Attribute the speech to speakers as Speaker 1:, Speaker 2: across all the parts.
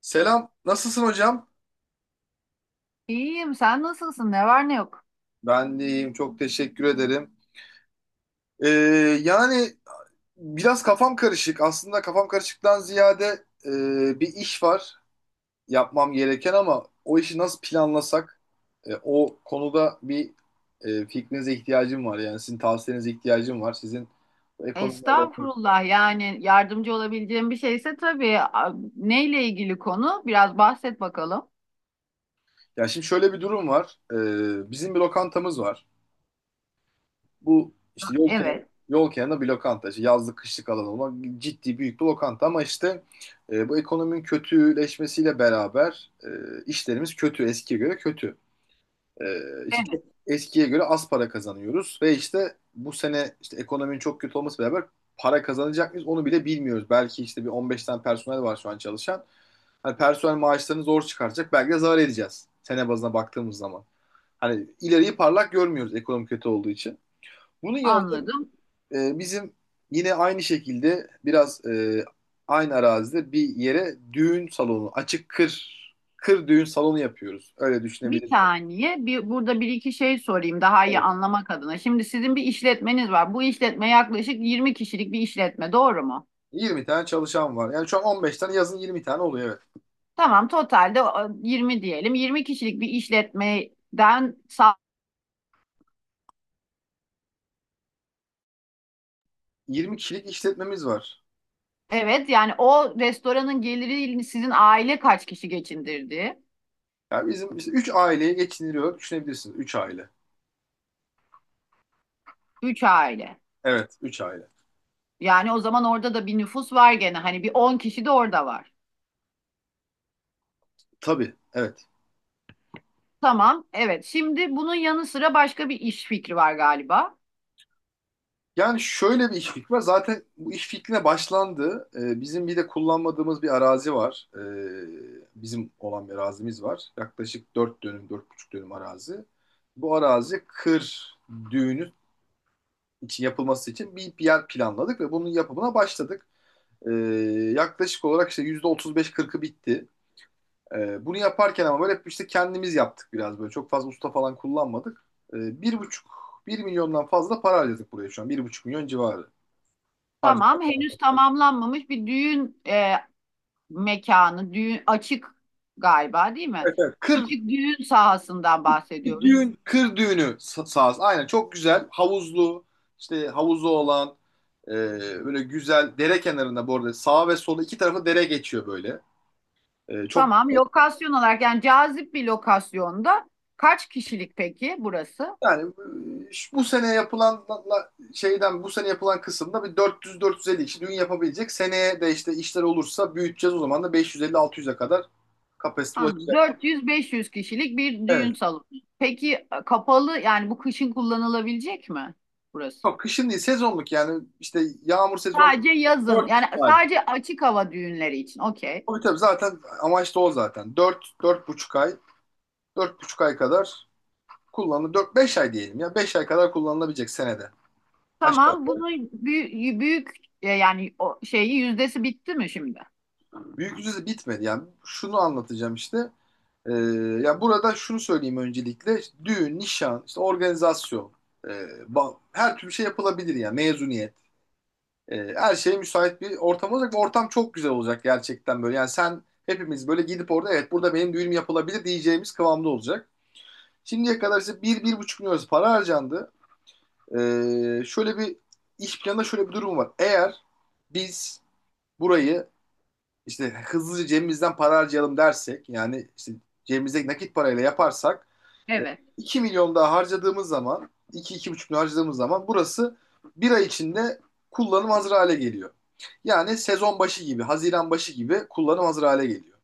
Speaker 1: Selam, nasılsın hocam?
Speaker 2: İyiyim, sen nasılsın? Ne var ne yok?
Speaker 1: Ben de iyiyim, çok teşekkür ederim. Ee, Yani biraz kafam karışık. Aslında kafam karışıktan ziyade bir iş var yapmam gereken ama o işi nasıl planlasak, o konuda bir fikrinize ihtiyacım var. Yani sizin tavsiyenize ihtiyacım var. Sizin bu ekonomide...
Speaker 2: Estağfurullah. Yani yardımcı olabileceğim bir şeyse tabii. Neyle ilgili konu? Biraz bahset bakalım.
Speaker 1: Ya şimdi şöyle bir durum var. Bizim bir lokantamız var. Bu işte yol kenarı,
Speaker 2: Evet,
Speaker 1: yol kenarında bir lokanta. İşte yazlık kışlık alan olmak ciddi büyük bir lokanta ama işte bu ekonominin kötüleşmesiyle beraber işlerimiz kötü. Eskiye göre kötü. İşte
Speaker 2: evet.
Speaker 1: çok eskiye göre az para kazanıyoruz ve işte bu sene işte ekonominin çok kötü olması beraber para kazanacak mıyız onu bile bilmiyoruz. Belki işte bir 15 tane personel var şu an çalışan. Hani personel maaşlarını zor çıkartacak. Belki de zarar edeceğiz. Sene bazına baktığımız zaman. Hani ileriyi parlak görmüyoruz ekonomi kötü olduğu için. Bunun yanında
Speaker 2: Anladım.
Speaker 1: bizim yine aynı şekilde biraz aynı arazide bir yere düğün salonu, açık kır, kır düğün salonu yapıyoruz. Öyle
Speaker 2: Bir
Speaker 1: düşünebilirsin.
Speaker 2: saniye. Burada bir iki şey sorayım daha iyi
Speaker 1: Evet.
Speaker 2: anlamak adına. Şimdi sizin bir işletmeniz var. Bu işletme yaklaşık 20 kişilik bir işletme, doğru mu?
Speaker 1: 20 tane çalışan var. Yani şu an 15 tane yazın 20 tane oluyor, evet.
Speaker 2: Tamam, totalde o, 20 diyelim. 20 kişilik bir işletmeden.
Speaker 1: 20 kişilik işletmemiz var.
Speaker 2: Evet, yani o restoranın geliri sizin aile kaç kişi geçindirdi?
Speaker 1: Yani bizim işte 3 aileye geçiniliyor düşünebilirsiniz. 3 aile.
Speaker 2: Üç aile.
Speaker 1: Evet, 3 aile.
Speaker 2: Yani o zaman orada da bir nüfus var gene. Hani bir 10 kişi de orada var.
Speaker 1: Tabii, evet.
Speaker 2: Tamam, evet. Şimdi bunun yanı sıra başka bir iş fikri var galiba.
Speaker 1: Yani şöyle bir iş fikri var. Zaten bu iş fikrine başlandı. Bizim bir de kullanmadığımız bir arazi var. Bizim olan bir arazimiz var. Yaklaşık 4 dönüm, 4,5 dönüm arazi. Bu arazi kır düğünü için yapılması için bir yer planladık ve bunun yapımına başladık. Ee, Yaklaşık olarak işte %35, %40'ı bitti. Bunu yaparken ama böyle hep işte kendimiz yaptık biraz böyle. Çok fazla usta falan kullanmadık. Bir buçuk, 1 milyondan fazla para harcadık buraya şu an. 1,5 milyon civarı. Harcadık.
Speaker 2: Tamam, henüz tamamlanmamış bir düğün mekanı, düğün açık galiba değil mi?
Speaker 1: Kır
Speaker 2: Açık düğün sahasından bahsediyoruz.
Speaker 1: düğün, kır sahası. Aynen, çok güzel. Havuzlu, işte havuzu olan e, böyle güzel dere kenarında, bu arada sağa ve sola iki tarafı dere geçiyor böyle. Çok
Speaker 2: Tamam, lokasyon olarak yani cazip bir lokasyonda kaç kişilik peki burası?
Speaker 1: yani, bu sene yapılan şeyden, bu sene yapılan kısımda bir 400-450 kişi düğün yapabilecek. Seneye de işte işler olursa büyüteceğiz, o zaman da 550-600'e kadar kapasite
Speaker 2: Anladım.
Speaker 1: ulaşacak.
Speaker 2: 400-500 kişilik bir düğün
Speaker 1: Evet.
Speaker 2: salonu. Peki kapalı yani bu kışın kullanılabilecek mi burası?
Speaker 1: Yok, kışın değil, sezonluk, yani işte yağmur sezonu
Speaker 2: Sadece yazın
Speaker 1: 4
Speaker 2: yani
Speaker 1: ay.
Speaker 2: sadece açık hava düğünleri için. Okey.
Speaker 1: Tabii tabii, zaten amaç da o zaten. Dört, dört buçuk ay, dört buçuk ay kadar kullanılır. 4-5 ay diyelim ya. 5 ay kadar kullanılabilecek senede. Aşağı
Speaker 2: Tamam bunu büyük yani o şeyi yüzdesi bitti mi şimdi?
Speaker 1: yukarı. Büyük yüzde bitmedi yani. Şunu anlatacağım işte. Ee, Ya burada şunu söyleyeyim öncelikle. İşte düğün, nişan, işte organizasyon, e, her türlü şey yapılabilir yani. Mezuniyet. Her şeye müsait bir ortam olacak ve ortam çok güzel olacak gerçekten böyle. Yani sen hepimiz böyle gidip orada evet burada benim düğünüm yapılabilir diyeceğimiz kıvamda olacak. Şimdiye kadar işte bir, 1,5 milyon para harcandı. Şöyle bir iş planında şöyle bir durum var. Eğer biz burayı işte hızlıca cebimizden para harcayalım dersek, yani işte cebimizdeki nakit parayla yaparsak e,
Speaker 2: Evet.
Speaker 1: 2 milyon daha harcadığımız zaman, 2-2,5 milyon harcadığımız zaman burası 1 ay içinde kullanım hazır hale geliyor. Yani sezon başı gibi, Haziran başı gibi kullanım hazır hale geliyor.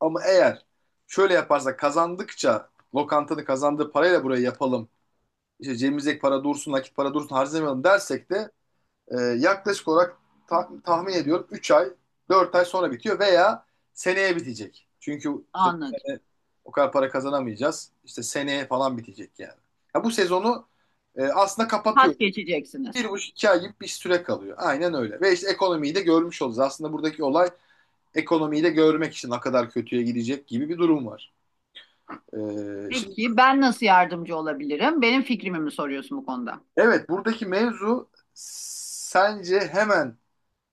Speaker 1: Ama eğer şöyle yaparsak kazandıkça lokantanın kazandığı parayla burayı yapalım, işte cebimizdeki para dursun, nakit para dursun harcamayalım dersek de yaklaşık olarak tahmin ediyorum 3 ay, 4 ay sonra bitiyor veya seneye bitecek. Çünkü işte bu
Speaker 2: Anladım.
Speaker 1: sene o kadar para kazanamayacağız. İşte seneye falan bitecek yani. Ya bu sezonu aslında
Speaker 2: Pas
Speaker 1: kapatıyoruz.
Speaker 2: geçeceksiniz.
Speaker 1: 1,5-2 ay gibi bir süre kalıyor. Aynen öyle. Ve işte ekonomiyi de görmüş oluruz. Aslında buradaki olay ekonomiyi de görmek için ne kadar kötüye gidecek gibi bir durum var. E, Şimdi
Speaker 2: Peki ben nasıl yardımcı olabilirim? Benim fikrimi mi soruyorsun bu konuda?
Speaker 1: evet, buradaki mevzu sence hemen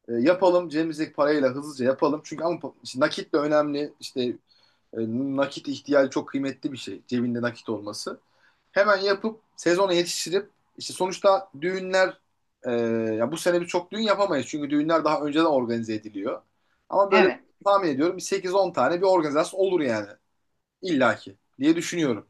Speaker 1: Yapalım, cebimizdeki parayla hızlıca yapalım. Çünkü ama işte nakit de önemli. İşte e, nakit ihtiyacı çok kıymetli bir şey. Cebinde nakit olması. Hemen yapıp sezona yetiştirip işte sonuçta düğünler e, ya bu sene biz çok düğün yapamayız. Çünkü düğünler daha önceden organize ediliyor. Ama böyle
Speaker 2: Evet.
Speaker 1: tahmin ediyorum bir 8-10 tane bir organizasyon olur yani. İllaki diye düşünüyorum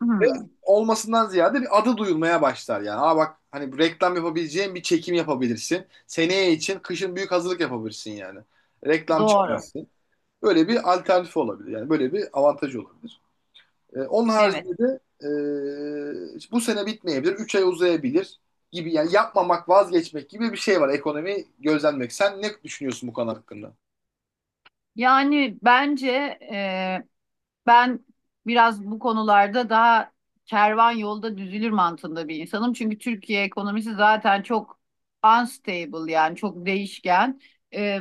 Speaker 2: Hmm,
Speaker 1: olmasından ziyade bir adı duyulmaya başlar yani. Aa bak, hani reklam yapabileceğin bir çekim yapabilirsin. Seneye için kışın büyük hazırlık yapabilirsin yani. Reklam
Speaker 2: doğru.
Speaker 1: çıkarsın. Böyle bir alternatif olabilir. Yani böyle bir avantajı olabilir. Onun
Speaker 2: Evet.
Speaker 1: haricinde de bu sene bitmeyebilir. 3 ay uzayabilir gibi yani, yapmamak, vazgeçmek gibi bir şey var, ekonomi gözlenmek. Sen ne düşünüyorsun bu konu hakkında?
Speaker 2: Yani bence e, Ben biraz bu konularda daha kervan yolda düzülür mantığında bir insanım. Çünkü Türkiye ekonomisi zaten çok unstable yani çok değişken. Ee,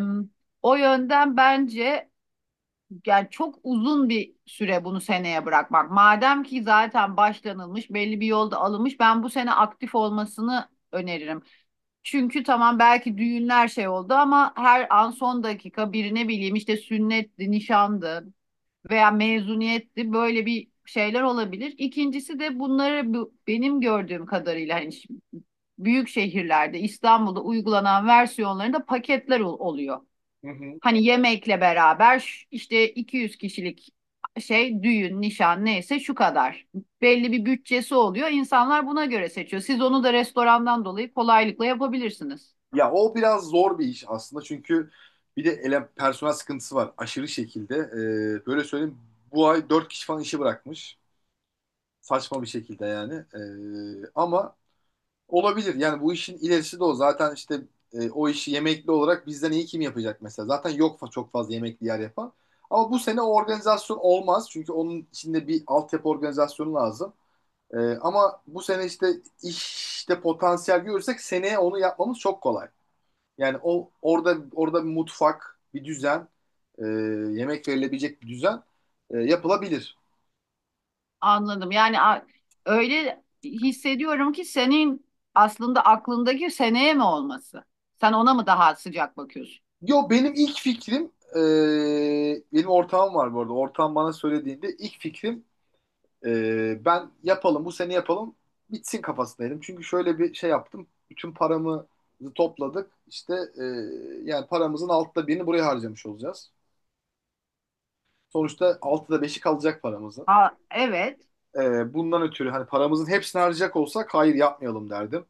Speaker 2: O yönden bence yani çok uzun bir süre bunu seneye bırakmak. Madem ki zaten başlanılmış, belli bir yolda alınmış, ben bu sene aktif olmasını öneririm. Çünkü tamam belki düğünler şey oldu ama her an son dakika birine bileyim işte sünnetti, nişandı veya mezuniyetli böyle bir şeyler olabilir. İkincisi de bunları benim gördüğüm kadarıyla hani büyük şehirlerde İstanbul'da uygulanan versiyonlarında paketler oluyor.
Speaker 1: Hı hı.
Speaker 2: Hani yemekle beraber işte 200 kişilik şey düğün, nişan neyse şu kadar. Belli bir bütçesi oluyor. İnsanlar buna göre seçiyor. Siz onu da restorandan dolayı kolaylıkla yapabilirsiniz.
Speaker 1: Ya o biraz zor bir iş aslında çünkü bir de personel sıkıntısı var aşırı şekilde. Böyle söyleyeyim, bu ay 4 kişi falan işi bırakmış. Saçma bir şekilde yani. Ama olabilir yani, bu işin ilerisi de o. Zaten işte o işi yemekli olarak bizden iyi kim yapacak mesela. Zaten yok çok fazla yemekli yer yapan. Ama bu sene o organizasyon olmaz. Çünkü onun içinde bir altyapı organizasyonu lazım. Ama bu sene işte potansiyel görürsek seneye onu yapmamız çok kolay. Yani o orada orada bir mutfak, bir düzen, e, yemek verilebilecek bir düzen yapılabilir.
Speaker 2: Anladım. Öyle hissediyorum ki senin aslında aklındaki seneye mi olması? Sen ona mı daha sıcak bakıyorsun?
Speaker 1: Yo, benim ilk fikrim, benim ortağım var bu arada. Ortağım bana söylediğinde ilk fikrim ben yapalım bu sene yapalım bitsin kafasındaydım. Çünkü şöyle bir şey yaptım. Bütün paramızı topladık. İşte e, yani paramızın 6'da birini buraya harcamış olacağız. Sonuçta 6'da 5'i kalacak paramızın.
Speaker 2: Ha, evet.
Speaker 1: Bundan ötürü hani paramızın hepsini harcayacak olsak hayır yapmayalım derdim.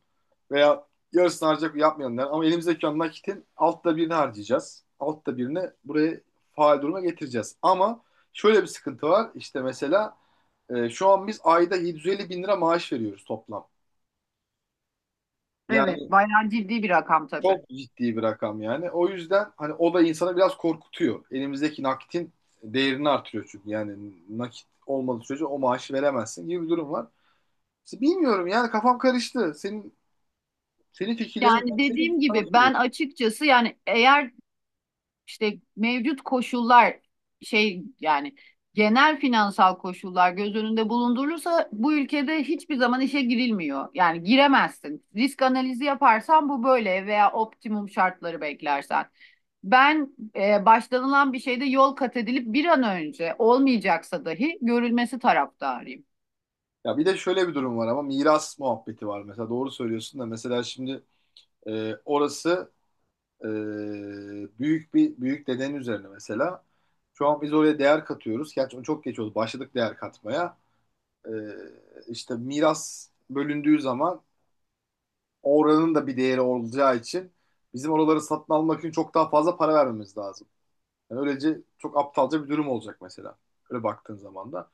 Speaker 1: Veya yarısını harcayacak yapmayalım derdim. Ama elimizdeki olan nakitin 6'da birini harcayacağız. 6'da birini buraya faal duruma getireceğiz. Ama şöyle bir sıkıntı var. İşte mesela şu an biz ayda 750 bin lira maaş veriyoruz toplam.
Speaker 2: Evet.
Speaker 1: Yani
Speaker 2: Bayağı ciddi bir rakam tabii.
Speaker 1: çok ciddi bir rakam yani. O yüzden hani o da insanı biraz korkutuyor. Elimizdeki nakitin değerini artırıyor çünkü. Yani nakit olmadığı sürece o maaşı veremezsin gibi bir durum var. Bilmiyorum yani, kafam karıştı. Senin fikirlerin,
Speaker 2: Yani
Speaker 1: ben senin
Speaker 2: dediğim
Speaker 1: sana
Speaker 2: gibi ben
Speaker 1: soruyorum.
Speaker 2: açıkçası yani eğer işte mevcut koşullar şey yani genel finansal koşullar göz önünde bulundurulursa bu ülkede hiçbir zaman işe girilmiyor. Yani giremezsin. Risk analizi yaparsan bu böyle veya optimum şartları beklersen. Ben başlanılan bir şeyde yol kat edilip bir an önce olmayacaksa dahi görülmesi taraftarıyım.
Speaker 1: Ya bir de şöyle bir durum var ama, miras muhabbeti var mesela, doğru söylüyorsun da mesela şimdi orası e, büyük bir büyük dedenin üzerine mesela. Şu an biz oraya değer katıyoruz. Gerçi çok geç oldu. Başladık değer katmaya. E, işte miras bölündüğü zaman oranın da bir değeri olacağı için bizim oraları satın almak için çok daha fazla para vermemiz lazım. Yani öylece çok aptalca bir durum olacak mesela. Öyle baktığın zaman da.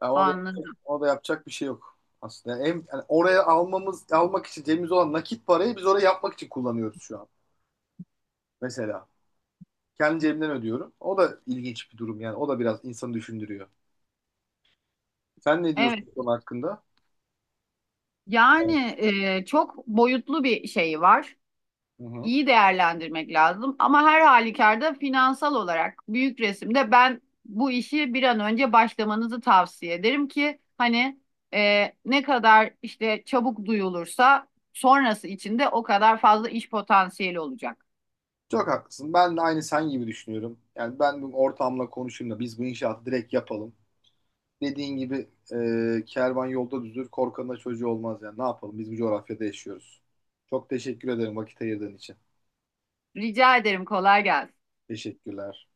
Speaker 1: Ama da,
Speaker 2: Anladım.
Speaker 1: ama da yapacak bir şey yok aslında. Yani en, yani oraya almamız almak için cebimizde olan nakit parayı biz oraya yapmak için kullanıyoruz şu an. Mesela kendi cebimden ödüyorum. O da ilginç bir durum yani. O da biraz insanı düşündürüyor. Sen ne diyorsun
Speaker 2: Evet.
Speaker 1: bu konu hakkında? Evet.
Speaker 2: Yani çok boyutlu bir şey var.
Speaker 1: Hı hı.
Speaker 2: İyi değerlendirmek lazım. Ama her halükarda finansal olarak büyük resimde ben bu işi bir an önce başlamanızı tavsiye ederim ki hani ne kadar işte çabuk duyulursa sonrası için de o kadar fazla iş potansiyeli olacak.
Speaker 1: Çok haklısın. Ben de aynı sen gibi düşünüyorum. Yani ben bu ortamla konuşayım da biz bu inşaatı direkt yapalım. Dediğin gibi kervan yolda düzülür, korkanın da çocuğu olmaz yani. Ne yapalım? Biz bu coğrafyada yaşıyoruz. Çok teşekkür ederim vakit ayırdığın için.
Speaker 2: Rica ederim kolay gelsin.
Speaker 1: Teşekkürler.